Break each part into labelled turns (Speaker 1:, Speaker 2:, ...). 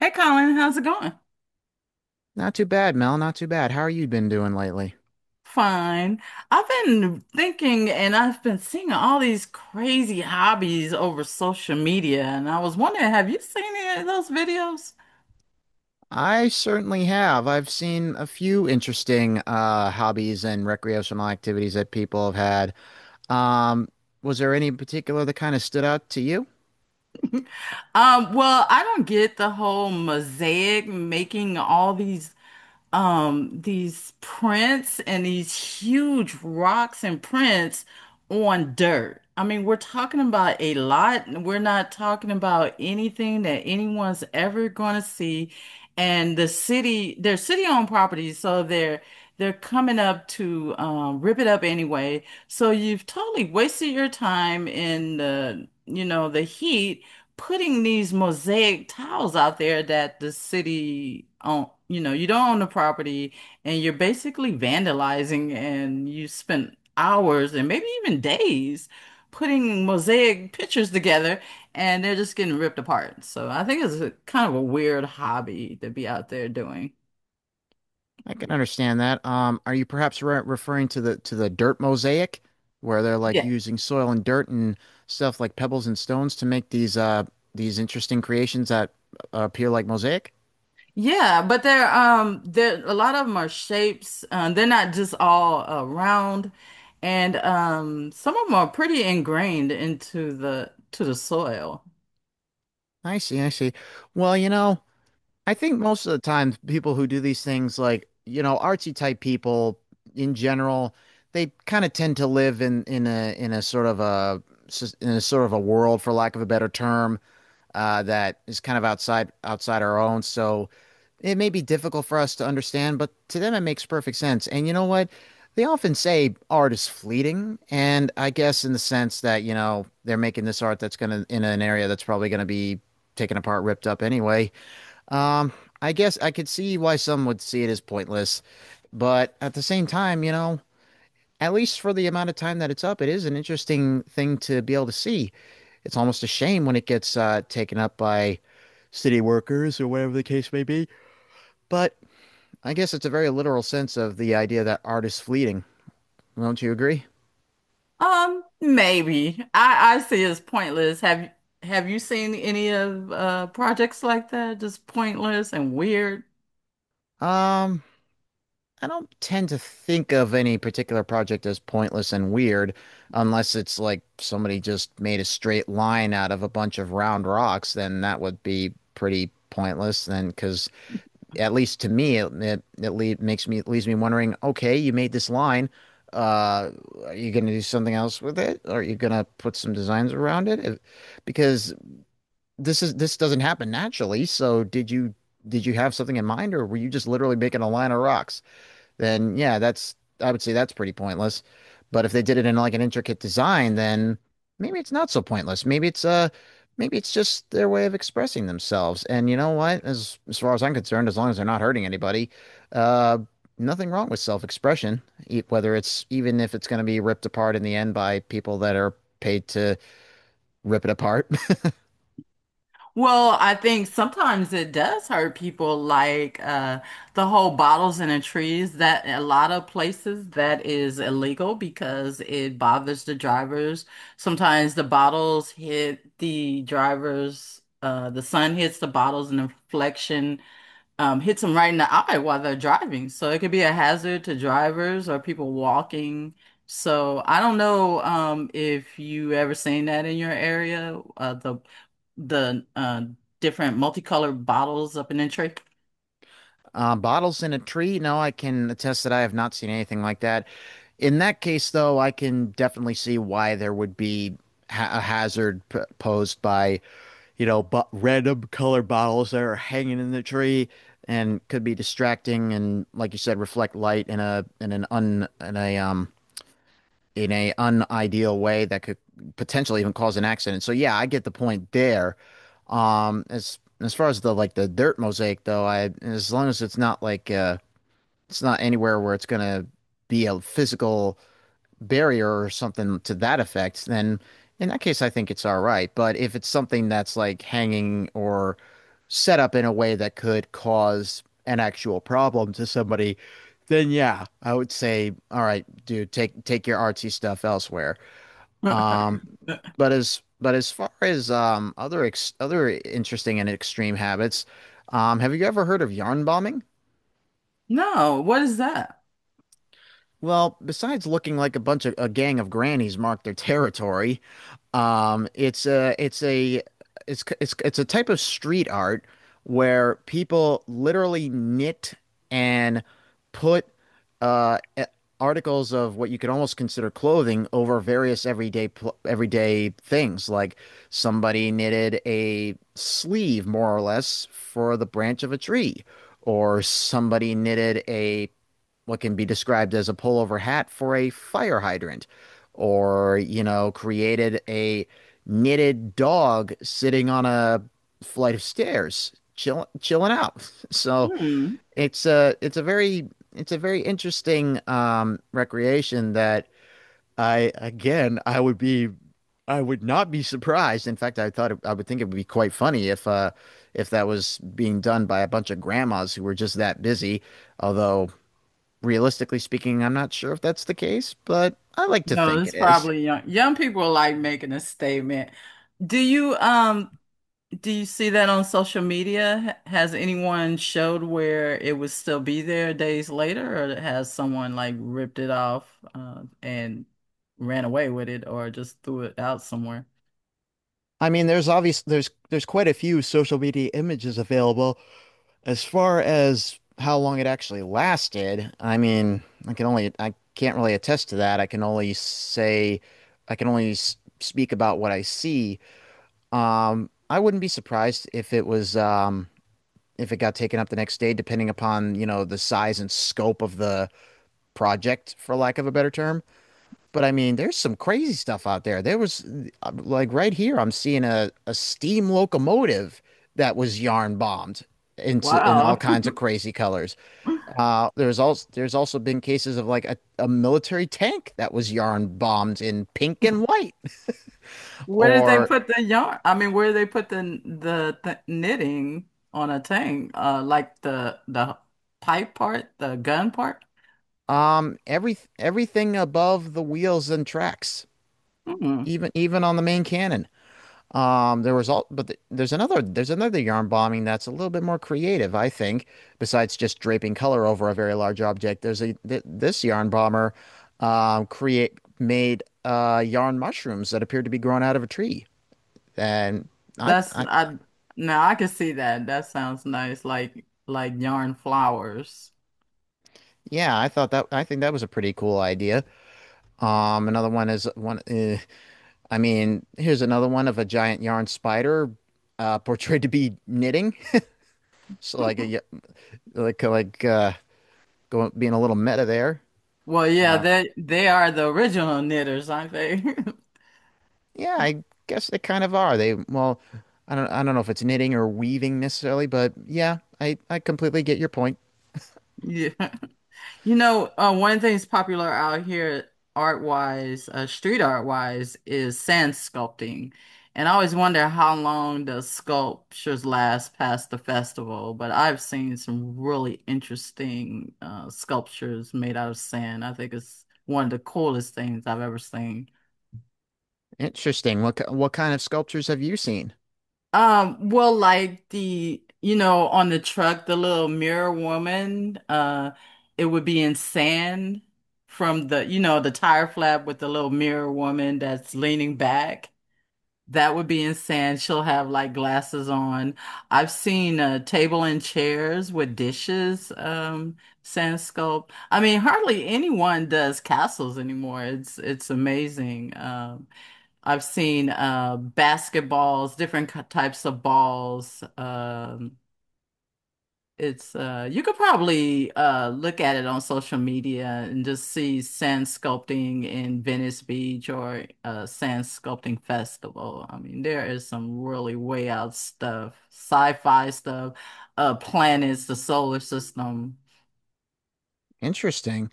Speaker 1: Hey Colin, how's it going?
Speaker 2: Not too bad, Mel. Not too bad. How are you been doing lately?
Speaker 1: Fine. I've been thinking and I've been seeing all these crazy hobbies over social media, and I was wondering, have you seen any of those videos?
Speaker 2: I certainly have. I've seen a few interesting hobbies and recreational activities that people have had. Was there any in particular that kind of stood out to you?
Speaker 1: I don't get the whole mosaic making all these prints and these huge rocks and prints on dirt. I mean, we're talking about a lot. We're not talking about anything that anyone's ever going to see. And the city, they're city-owned properties, so they're coming up to rip it up anyway. So you've totally wasted your time in the heat putting these mosaic tiles out there that the city own, you don't own the property and you're basically vandalizing and you spent hours and maybe even days putting mosaic pictures together and they're just getting ripped apart. So I think it's a kind of a weird hobby to be out there doing.
Speaker 2: I can understand that. Are you perhaps re referring to the dirt mosaic, where they're like using soil and dirt and stuff like pebbles and stones to make these interesting creations that appear like mosaic?
Speaker 1: Yeah, but they're a lot of them are shapes. They're not just all round, and some of them are pretty ingrained into the soil.
Speaker 2: I see. I see. Well, you know. I think most of the time, people who do these things, like, artsy type people in general, they kind of tend to live in a sort of a world, for lack of a better term, that is kind of outside our own. So it may be difficult for us to understand, but to them, it makes perfect sense. And you know what? They often say art is fleeting, and I guess in the sense that, they're making this art that's gonna in an area that's probably gonna be taken apart, ripped up anyway. Um, I guess I could see why some would see it as pointless, but at the same time, at least for the amount of time that it's up, it is an interesting thing to be able to see. It's almost a shame when it gets taken up by city workers or whatever the case may be, but I guess it's a very literal sense of the idea that art is fleeting. Don't you agree?
Speaker 1: Maybe I see it as pointless. Have you seen any of projects like that? Just pointless and weird.
Speaker 2: Um, I don't tend to think of any particular project as pointless and weird unless it's like somebody just made a straight line out of a bunch of round rocks, then that would be pretty pointless then because at least to me it it, it lead, makes me leaves me wondering, okay, you made this line. Uh, are you going to do something else with it? Are you going to put some designs around it? Because this doesn't happen naturally. So did you have something in mind or were you just literally making a line of rocks? Then, yeah, that's I would say that's pretty pointless. But if they did it in like an intricate design, then maybe it's not so pointless. Maybe it's just their way of expressing themselves. And you know what? As far as I'm concerned, as long as they're not hurting anybody, uh nothing wrong with self-expression, E- whether it's even if it's going to be ripped apart in the end by people that are paid to rip it apart.
Speaker 1: Well, I think sometimes it does hurt people, like, the whole bottles in the trees. That a lot of places that is illegal because it bothers the drivers. Sometimes the bottles hit the drivers. The sun hits the bottles and the reflection hits them right in the eye while they're driving. So it could be a hazard to drivers or people walking. So I don't know, if you ever seen that in your area, the different multicolored bottles up in the tree.
Speaker 2: Bottles in a tree? No, I can attest that I have not seen anything like that. In that case, though, I can definitely see why there would be ha a hazard p posed by, bu random color bottles that are hanging in the tree and could be distracting and, like you said, reflect light in a in an un in a unideal way that could potentially even cause an accident. So yeah, I get the point there. As far as the dirt mosaic though, I as long as it's not anywhere where it's gonna be a physical barrier or something to that effect, then in that case, I think it's all right. But if it's something that's like hanging or set up in a way that could cause an actual problem to somebody, then yeah, I would say, all right, dude, take your artsy stuff elsewhere. Um, but as far as other ex other interesting and extreme habits, have you ever heard of yarn bombing?
Speaker 1: No, what is that?
Speaker 2: Well, besides looking like a bunch of a gang of grannies marked their territory, um, it's a it's a it's a type of street art where people literally knit and put uh, a- articles of what you could almost consider clothing over various everyday things. Like somebody knitted a sleeve, more or less, for the branch of a tree, or somebody knitted a what can be described as a pullover hat for a fire hydrant, or, created a knitted dog sitting on a flight of stairs, chilling out. So
Speaker 1: Hmm.
Speaker 2: it's a it's a very it's a very interesting recreation that I again I would be I would not be surprised. In fact, I would think it would be quite funny if that was being done by a bunch of grandmas who were just that busy. Although realistically speaking, I'm not sure if that's the case, but I like to
Speaker 1: No,
Speaker 2: think it
Speaker 1: it's
Speaker 2: is.
Speaker 1: probably young. Young people like making a statement. Do you um Do you see that on social media? Has anyone showed where it would still be there days later, or has someone like ripped it off, and ran away with it, or just threw it out somewhere?
Speaker 2: I mean, there's obvious there's quite a few social media images available. As far as how long it actually lasted, I mean, I can't really attest to that. I can only speak about what I see. I wouldn't be surprised if it was if it got taken up the next day, depending upon, the size and scope of the project, for lack of a better term. But I mean, there's some crazy stuff out there. There was like right here, I'm seeing a steam locomotive that was yarn bombed into in all
Speaker 1: Wow.
Speaker 2: kinds of crazy colors. There's also been cases of like a military tank that was yarn bombed in pink and white,
Speaker 1: Where did they
Speaker 2: or
Speaker 1: put the yarn? I mean, where did they put the th knitting on a thing? Like the pipe part, the gun part?
Speaker 2: everything above the wheels and tracks,
Speaker 1: Hmm.
Speaker 2: even on the main cannon. There was all, but th there's another yarn bombing that's a little bit more creative, I think. Besides just draping color over a very large object, there's a th this yarn bomber create made yarn mushrooms that appeared to be grown out of a tree, and
Speaker 1: That's
Speaker 2: I
Speaker 1: I Now I can see that. That sounds nice, like yarn flowers.
Speaker 2: yeah, I think that was a pretty cool idea. Another one is one. Eh, I mean, here's another one of a giant yarn spider portrayed to be knitting, so like going being a little meta there.
Speaker 1: Well, yeah,
Speaker 2: Uh,
Speaker 1: they are the original knitters, aren't they?
Speaker 2: yeah, I guess they kind of are. Well, I don't know if it's knitting or weaving necessarily, but yeah, I completely get your point.
Speaker 1: Yeah. You know, one of the things popular out here art wise, street art wise, is sand sculpting. And I always wonder how long the sculptures last past the festival, but I've seen some really interesting sculptures made out of sand. I think it's one of the coolest things I've ever seen.
Speaker 2: Interesting. What kind of sculptures have you seen?
Speaker 1: Well, like, the, you know, on the truck, the little mirror woman, it would be in sand from, the, you know, the tire flap with the little mirror woman that's leaning back. That would be in sand. She'll have like glasses on. I've seen a table and chairs with dishes, sand sculpt. I mean, hardly anyone does castles anymore. It's amazing. I've seen, basketballs, different types of balls. It's You could probably, look at it on social media and just see sand sculpting in Venice Beach or sand sculpting festival. I mean, there is some really way out stuff, sci-fi stuff, planets, the solar system.
Speaker 2: Interesting.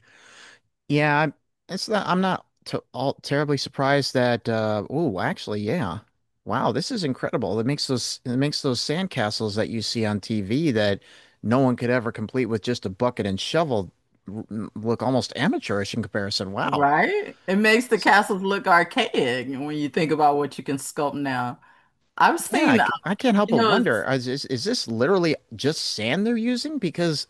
Speaker 2: Yeah, I'm not to all terribly surprised that, oh, actually, yeah. Wow, this is incredible. It makes those sandcastles that you see on TV that no one could ever complete with just a bucket and shovel r- look almost amateurish in comparison. Wow.
Speaker 1: Right? It makes the
Speaker 2: So
Speaker 1: castles look archaic when you think about what you can sculpt now. I've
Speaker 2: yeah,
Speaker 1: seen,
Speaker 2: I can't help
Speaker 1: you
Speaker 2: but
Speaker 1: know,
Speaker 2: wonder,
Speaker 1: it's-
Speaker 2: is this literally just sand they're using? Because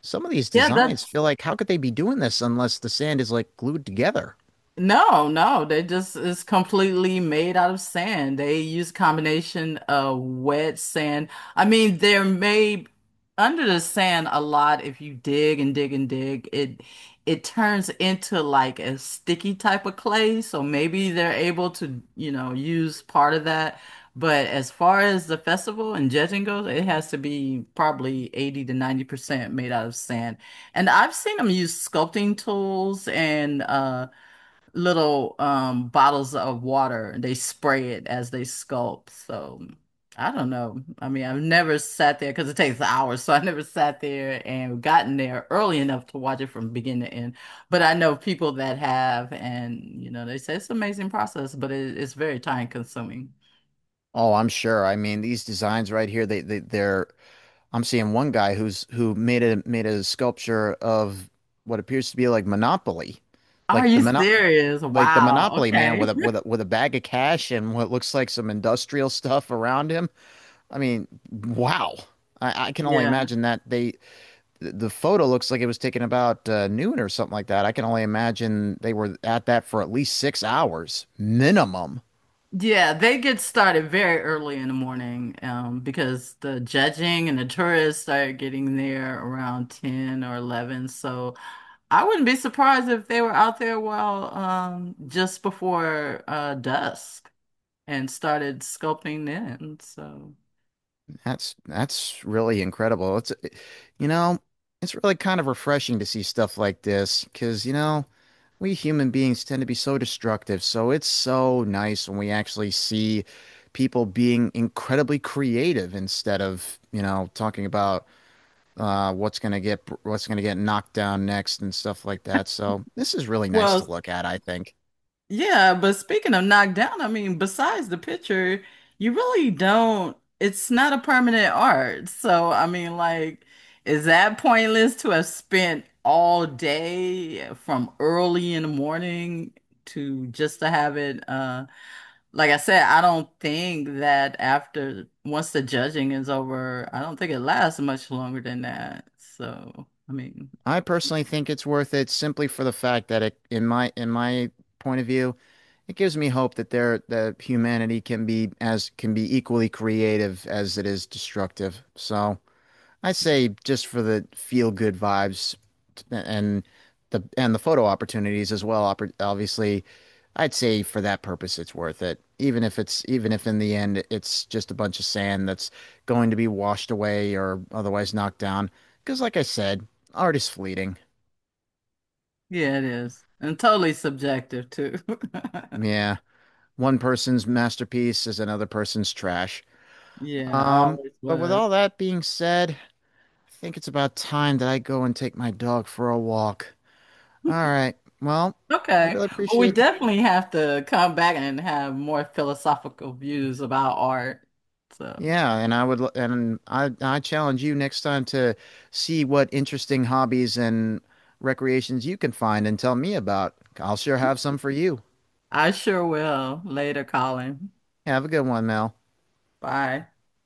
Speaker 2: some of these
Speaker 1: yeah, that
Speaker 2: designs feel like how could they be doing this unless the sand is like glued together?
Speaker 1: no, no, they just it's completely made out of sand. They use combination of wet sand. I mean, they're made under the sand a lot. If you dig and dig and dig, it turns into like a sticky type of clay. So maybe they're able to, you know, use part of that. But as far as the festival and judging goes, it has to be probably 80 to 90% made out of sand. And I've seen them use sculpting tools and little bottles of water and they spray it as they sculpt. So I don't know. I mean, I've never sat there because it takes hours, so I never sat there and gotten there early enough to watch it from beginning to end. But I know people that have, and you know, they say it's an amazing process, but it, it's very time consuming.
Speaker 2: Oh, I'm sure. I mean, these designs right here, they they're I'm seeing one guy who made a sculpture of what appears to be like Monopoly.
Speaker 1: Are
Speaker 2: Like the
Speaker 1: you
Speaker 2: mono
Speaker 1: serious?
Speaker 2: like the
Speaker 1: Wow.
Speaker 2: Monopoly man
Speaker 1: Okay.
Speaker 2: with a with a with a bag of cash and what looks like some industrial stuff around him. I mean, wow. I can only
Speaker 1: Yeah.
Speaker 2: imagine that the photo looks like it was taken about noon or something like that. I can only imagine they were at that for at least 6 hours minimum.
Speaker 1: Yeah, they get started very early in the morning, because the judging and the tourists start getting there around 10 or 11. So I wouldn't be surprised if they were out there while, just before, dusk and started sculpting in. So
Speaker 2: That's really incredible. You know, it's really kind of refreshing to see stuff like this because we human beings tend to be so destructive. So it's so nice when we actually see people being incredibly creative instead of talking about. What's gonna get knocked down next and stuff like that. So this is really nice to
Speaker 1: well,
Speaker 2: look at, I think.
Speaker 1: yeah, but speaking of knocked down, I mean, besides the picture, you really don't, it's not a permanent art. So, I mean, like, is that pointless to have spent all day from early in the morning to just to have it? Like I said, I don't think that after once the judging is over, I don't think it lasts much longer than that. So, I mean,
Speaker 2: I personally think it's worth it simply for the fact that it, in my point of view, it gives me hope that there that humanity can be equally creative as it is destructive. So. I say just for the feel good vibes and the photo opportunities as well. Obviously, I'd say for that purpose, it's worth it. Even if in the end it's just a bunch of sand that's going to be washed away or otherwise knocked down. Because, like I said, art is fleeting.
Speaker 1: yeah, it is. And totally subjective too.
Speaker 2: Yeah, one person's masterpiece is another person's trash.
Speaker 1: Yeah, I
Speaker 2: Um,
Speaker 1: always
Speaker 2: but with
Speaker 1: was.
Speaker 2: all that being said, I think it's about time that I go and take my dog for a walk. All right. Well, I
Speaker 1: Okay.
Speaker 2: really
Speaker 1: Well, we
Speaker 2: appreciate the
Speaker 1: definitely have to come back and have more philosophical views about art. So
Speaker 2: yeah, and I challenge you next time to see what interesting hobbies and recreations you can find and tell me about. I'll sure have some for you.
Speaker 1: I sure will later, Colin.
Speaker 2: Have a good one, Mel.
Speaker 1: Bye.